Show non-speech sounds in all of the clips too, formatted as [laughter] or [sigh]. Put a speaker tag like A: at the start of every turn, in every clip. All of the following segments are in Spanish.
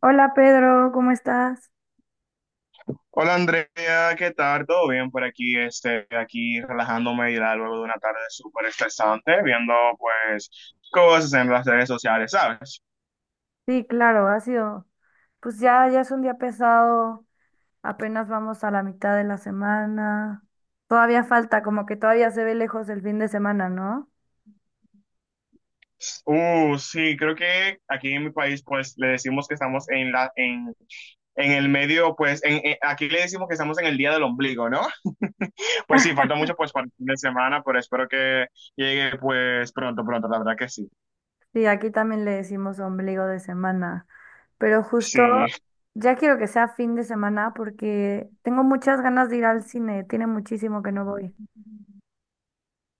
A: Hola Pedro, ¿cómo estás?
B: Hola Andrea, ¿qué tal? ¿Todo bien por aquí? Este, aquí relajándome ya luego de una tarde súper estresante, viendo pues cosas en las redes sociales, ¿sabes?
A: Sí, claro, ha sido, pues ya es un día pesado, apenas vamos a la mitad de la semana, todavía falta, como que todavía se ve lejos el fin de semana, ¿no?
B: Sí, creo que aquí en mi país pues le decimos que estamos en en el medio, pues aquí le decimos que estamos en el día del ombligo, ¿no? [laughs] Pues sí, falta mucho pues para el fin de semana, pero espero que llegue pues pronto, pronto, la verdad que sí.
A: Sí, aquí también le decimos ombligo de semana, pero
B: Sí.
A: justo ya quiero que sea fin de semana porque tengo muchas ganas de ir al cine, tiene muchísimo que no voy.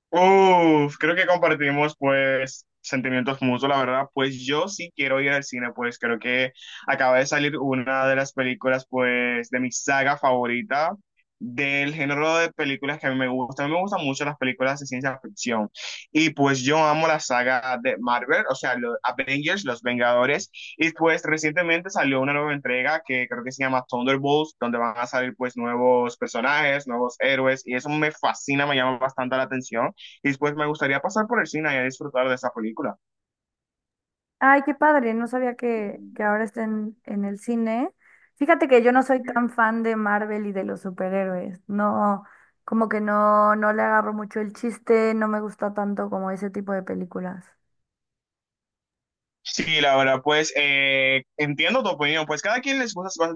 B: Uf, creo que compartimos pues sentimientos mutuos, la verdad, pues yo sí quiero ir al cine, pues creo que acaba de salir una de las películas pues de mi saga favorita del género de películas que a mí me gusta, a mí me gustan mucho las películas de ciencia ficción y pues yo amo la saga de Marvel, o sea, los Avengers, los Vengadores, y pues recientemente salió una nueva entrega que creo que se llama Thunderbolts, donde van a salir pues nuevos personajes, nuevos héroes y eso me fascina, me llama bastante la atención. Y pues me gustaría pasar por el cine y a disfrutar de esa película.
A: Ay, qué padre, no sabía que ahora estén en el cine. Fíjate que yo no soy tan fan de Marvel y de los superhéroes. No, como que no le agarro mucho el chiste, no me gusta tanto como ese tipo de películas.
B: Sí, la verdad, pues entiendo tu opinión. Pues cada quien les gusta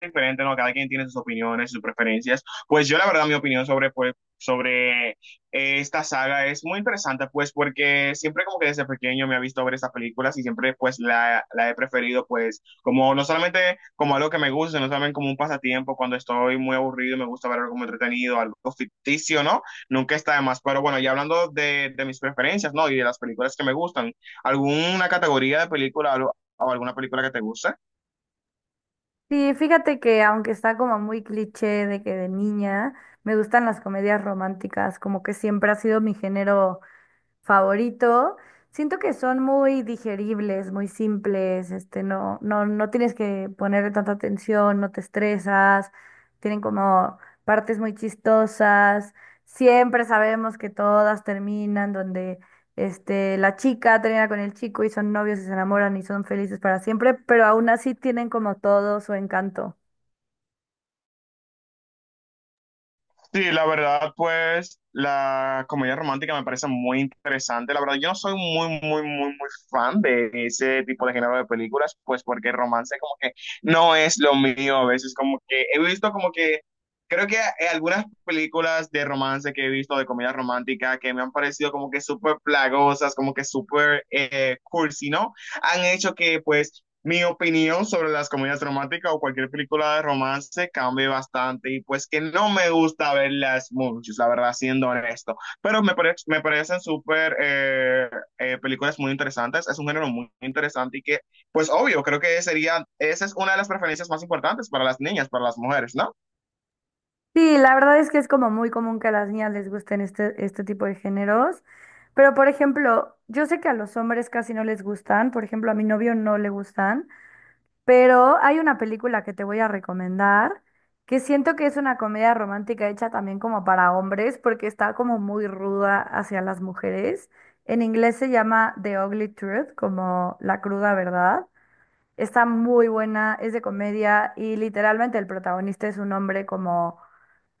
B: diferente, ¿no? Cada quien tiene sus opiniones, sus preferencias. Pues yo la verdad mi opinión sobre, pues, sobre, esta saga es muy interesante, pues porque siempre como que desde pequeño me ha visto ver estas películas y siempre pues la he preferido pues como no solamente como algo que me gusta, sino también como un pasatiempo cuando estoy muy aburrido y me gusta ver algo como entretenido, algo ficticio, ¿no? Nunca está de más, pero bueno, ya hablando de mis preferencias, ¿no? Y de las películas que me gustan, ¿alguna categoría de película o alguna película que te guste?
A: Sí, fíjate que aunque está como muy cliché de que de niña, me gustan las comedias románticas, como que siempre ha sido mi género favorito. Siento que son muy digeribles, muy simples, este, no tienes que ponerle tanta atención, no te estresas, tienen como partes muy chistosas. Siempre sabemos que todas terminan donde este, la chica termina con el chico y son novios y se enamoran y son felices para siempre, pero aún así tienen como todo su encanto.
B: Sí, la verdad, pues la comedia romántica me parece muy interesante. La verdad, yo no soy muy, muy, muy, muy fan de ese tipo de género de películas, pues porque el romance como que no es lo mío a veces, como que he visto como que, creo que algunas películas de romance que he visto de comedia romántica que me han parecido como que súper plagosas, como que súper, cursi, ¿no? Han hecho que pues mi opinión sobre las comedias románticas o cualquier película de romance cambia bastante y pues que no me gusta verlas mucho, la verdad, siendo honesto. Pero me parecen súper, películas muy interesantes, es un género muy interesante y que pues obvio, creo que sería, esa es una de las preferencias más importantes para las niñas, para las mujeres, ¿no?
A: Sí, la verdad es que es como muy común que a las niñas les gusten este, este tipo de géneros, pero por ejemplo, yo sé que a los hombres casi no les gustan, por ejemplo, a mi novio no le gustan, pero hay una película que te voy a recomendar que siento que es una comedia romántica hecha también como para hombres porque está como muy ruda hacia las mujeres. En inglés se llama The Ugly Truth, como la cruda verdad. Está muy buena, es de comedia y literalmente el protagonista es un hombre como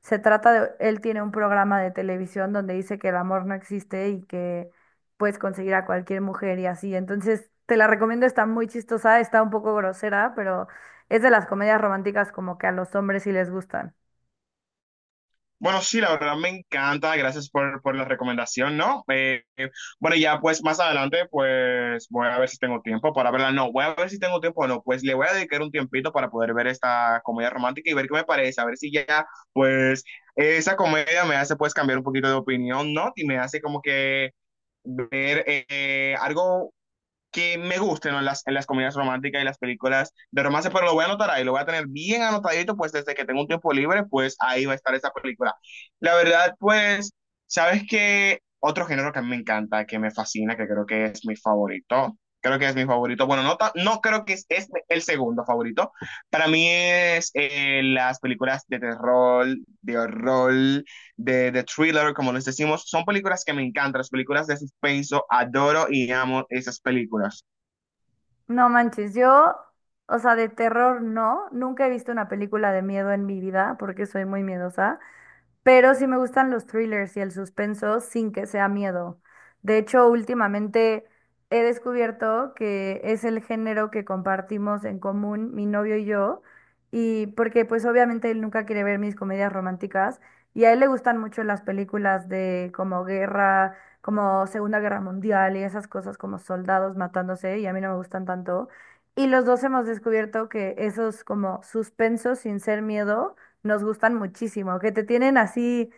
A: se trata de, él tiene un programa de televisión donde dice que el amor no existe y que puedes conseguir a cualquier mujer y así. Entonces, te la recomiendo, está muy chistosa, está un poco grosera, pero es de las comedias románticas como que a los hombres sí les gustan.
B: Bueno, sí, la verdad me encanta, gracias por la recomendación, ¿no? Bueno, ya pues más adelante pues voy a ver si tengo tiempo para verla, no, voy a ver si tengo tiempo o no, pues le voy a dedicar un tiempito para poder ver esta comedia romántica y ver qué me parece, a ver si ya pues esa comedia me hace pues cambiar un poquito de opinión, ¿no? Y me hace como que ver algo que me gusten, ¿no? En las comedias románticas y las películas de romance, pero lo voy a anotar ahí, lo voy a tener bien anotadito, pues desde que tengo un tiempo libre, pues ahí va a estar esa película. La verdad, pues, ¿sabes qué? Otro género que a mí me encanta, que me fascina, que creo que es mi favorito, creo que es mi favorito, bueno, no, no creo que es el segundo favorito, para mí es, las películas de terror, de horror, de thriller, como les decimos, son películas que me encantan, las películas de suspenso, adoro y amo esas películas.
A: No manches, yo, o sea, de terror no, nunca he visto una película de miedo en mi vida porque soy muy miedosa, pero sí me gustan los thrillers y el suspenso sin que sea miedo. De hecho, últimamente he descubierto que es el género que compartimos en común mi novio y yo, y porque pues obviamente él nunca quiere ver mis comedias románticas y a él le gustan mucho las películas de como guerra, como Segunda Guerra Mundial y esas cosas como soldados matándose y a mí no me gustan tanto. Y los dos hemos descubierto que esos como suspensos sin ser miedo nos gustan muchísimo, que te tienen así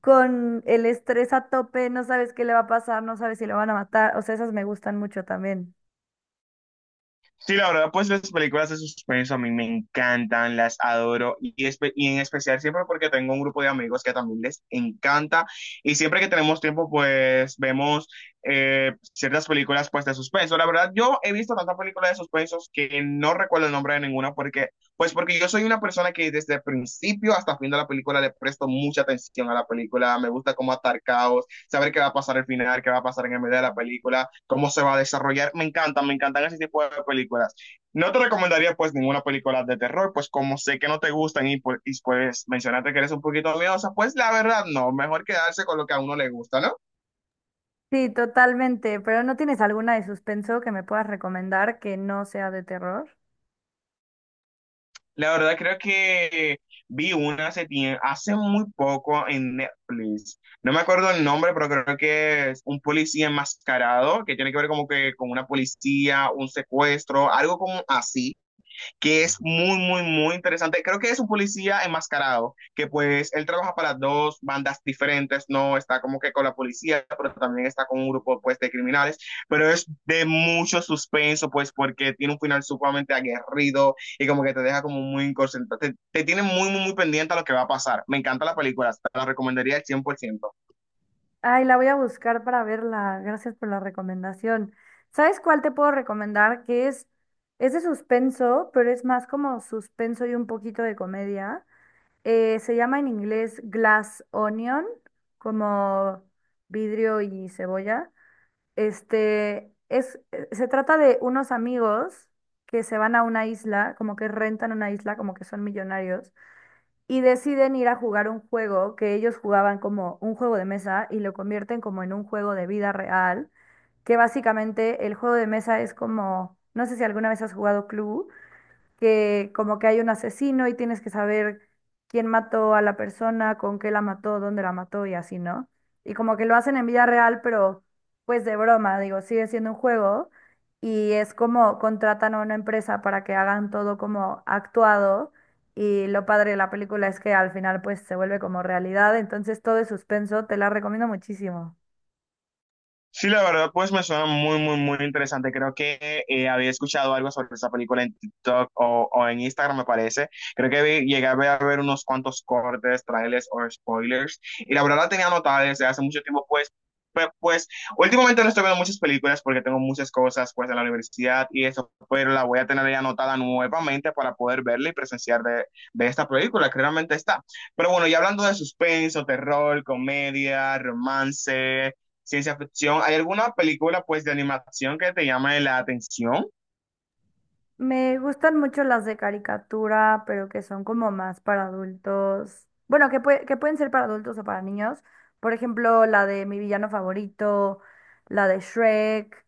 A: con el estrés a tope, no sabes qué le va a pasar, no sabes si lo van a matar, o sea, esas me gustan mucho también.
B: Sí, la verdad, pues las películas de suspenso a mí me encantan, las adoro y en especial siempre porque tengo un grupo de amigos que también les encanta y siempre que tenemos tiempo pues vemos ciertas películas pues de suspenso. La verdad, yo he visto tantas películas de suspenso que no recuerdo el nombre de ninguna porque porque yo soy una persona que desde el principio hasta el fin de la película le presto mucha atención a la película, me gusta cómo atar caos, saber qué va a pasar al final, qué va a pasar en el medio de la película, cómo se va a desarrollar. Me encantan ese tipo de películas. No te recomendaría pues ninguna película de terror, pues como sé que no te gustan , pues y pues mencionaste que eres un poquito miedosa, pues la verdad no, mejor quedarse con lo que a uno le gusta, ¿no?
A: Sí, totalmente, pero ¿no tienes alguna de suspenso que me puedas recomendar que no sea de terror?
B: La verdad creo que vi una hace muy poco en Netflix. No me acuerdo el nombre, pero creo que es un policía enmascarado que tiene que ver como que con una policía, un secuestro, algo como así que es muy, muy, muy interesante. Creo que es un policía enmascarado, que pues él trabaja para dos bandas diferentes, no está como que con la policía, pero también está con un grupo pues de criminales, pero es de mucho suspenso pues porque tiene un final sumamente aguerrido y como que te deja como muy concentrado, te tiene muy, muy, muy pendiente a lo que va a pasar. Me encanta la película, te la recomendaría al cien por ciento.
A: Ay, la voy a buscar para verla, gracias por la recomendación. ¿Sabes cuál te puedo recomendar? Que es de suspenso, pero es más como suspenso y un poquito de comedia. Se llama en inglés glass onion, como vidrio y cebolla. Este, es, se trata de unos amigos que se van a una isla, como que rentan una isla, como que son millonarios, y deciden ir a jugar un juego que ellos jugaban como un juego de mesa y lo convierten como en un juego de vida real, que básicamente el juego de mesa es como, no sé si alguna vez has jugado Clue, que como que hay un asesino y tienes que saber quién mató a la persona, con qué la mató, dónde la mató y así, ¿no? Y como que lo hacen en vida real, pero pues de broma, digo, sigue siendo un juego y es como contratan a una empresa para que hagan todo como actuado y lo padre de la película es que al final pues se vuelve como realidad, entonces todo es suspenso, te la recomiendo muchísimo.
B: Sí, la verdad, pues me suena muy, muy, muy interesante. Creo que había escuchado algo sobre esa película en TikTok o en Instagram, me parece. Creo que llegué a ver unos cuantos cortes, trailers o spoilers. Y la verdad la tenía anotada desde hace mucho tiempo, pues, pe- pues, últimamente no estoy viendo muchas películas porque tengo muchas cosas, pues, en la universidad y eso, pero la voy a tener ya anotada nuevamente para poder verla y presenciar de esta película, que realmente está. Pero bueno, y hablando de suspenso, terror, comedia, romance, ciencia ficción. ¿Hay alguna película pues de animación que te llame la atención?
A: Me gustan mucho las de caricatura, pero que son como más para adultos. Bueno, que, pue- que pueden ser para adultos o para niños. Por ejemplo, la de Mi villano favorito, la de Shrek,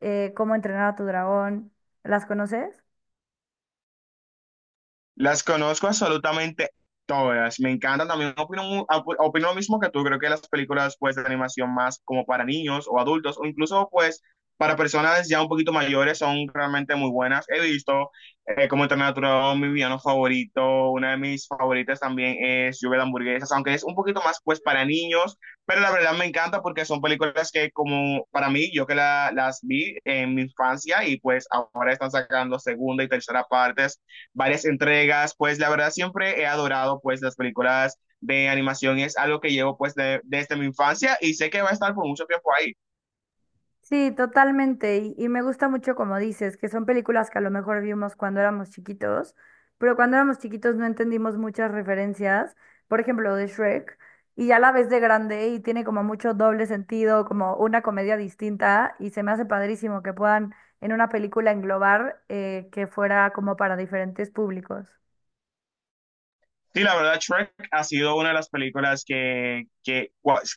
A: Cómo entrenar a tu dragón. ¿Las conoces?
B: Las conozco absolutamente todas. Me encantan también. Opino, opino lo mismo que tú. Creo que las películas pues, de animación más como para niños o adultos o incluso pues para personas ya un poquito mayores son realmente muy buenas. He visto como Internatura mi villano favorito. Una de mis favoritas también es Lluvia de Hamburguesas, aunque es un poquito más pues para niños. Pero la verdad me encanta porque son películas que como para mí, yo que las vi en mi infancia y pues ahora están sacando segunda y tercera partes, varias entregas, pues la verdad siempre he adorado pues las películas de animación, es algo que llevo pues desde mi infancia y sé que va a estar por mucho tiempo ahí.
A: Sí, totalmente. Y me gusta mucho como dices, que son películas que a lo mejor vimos cuando éramos chiquitos, pero cuando éramos chiquitos no entendimos muchas referencias, por ejemplo, de Shrek, y ya la ves de grande y tiene como mucho doble sentido, como una comedia distinta, y se me hace padrísimo que puedan en una película englobar que fuera como para diferentes públicos.
B: Sí, la verdad, Shrek ha sido una de las películas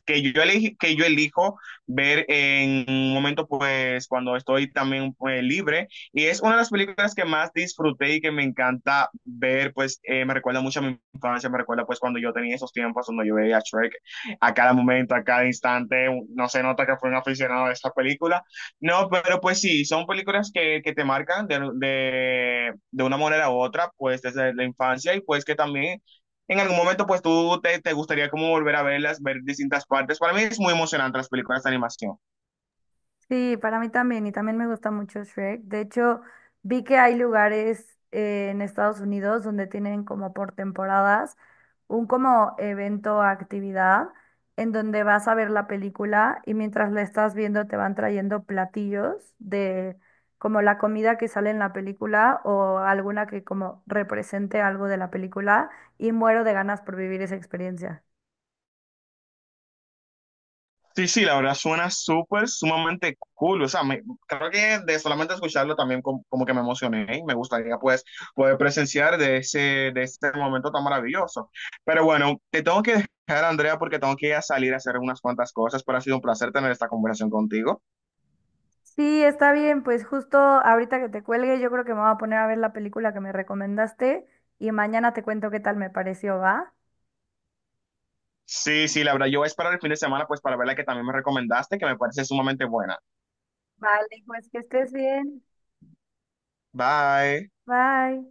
B: que yo elegí, que yo elijo ver en un momento, pues, cuando estoy también pues, libre. Y es una de las películas que más disfruté y que me encanta ver, pues, me recuerda mucho a mi infancia, me recuerda, pues, cuando yo tenía esos tiempos, cuando yo veía a Shrek a cada momento, a cada instante. No se nota que fue un aficionado de esta película. No, pero pues sí, son películas que te marcan de una manera u otra, pues, desde la infancia y pues que también en algún momento pues tú gustaría como volver a verlas, ver distintas partes. Para mí es muy emocionante las películas de animación.
A: Sí, para mí también, y también me gusta mucho Shrek. De hecho, vi que hay lugares en Estados Unidos donde tienen como por temporadas un como evento o actividad en donde vas a ver la película y mientras la estás viendo te van trayendo platillos de como la comida que sale en la película o alguna que como represente algo de la película y muero de ganas por vivir esa experiencia.
B: Sí, sí, la verdad suena súper, sumamente cool. O sea, creo que de solamente escucharlo también como que me emocioné y me gustaría pues poder presenciar de de ese momento tan maravilloso. Pero bueno, te tengo que dejar, Andrea, porque tengo que ir a salir a hacer unas cuantas cosas, pero ha sido un placer tener esta conversación contigo.
A: Sí, está bien, pues justo ahorita que te cuelgue, yo creo que me voy a poner a ver la película que me recomendaste y mañana te cuento qué tal me pareció, ¿va?
B: Sí, sí, la verdad, yo voy a esperar el fin de semana pues para ver la que también me recomendaste, que me parece sumamente buena.
A: Vale, pues que estés bien.
B: Bye.
A: Bye.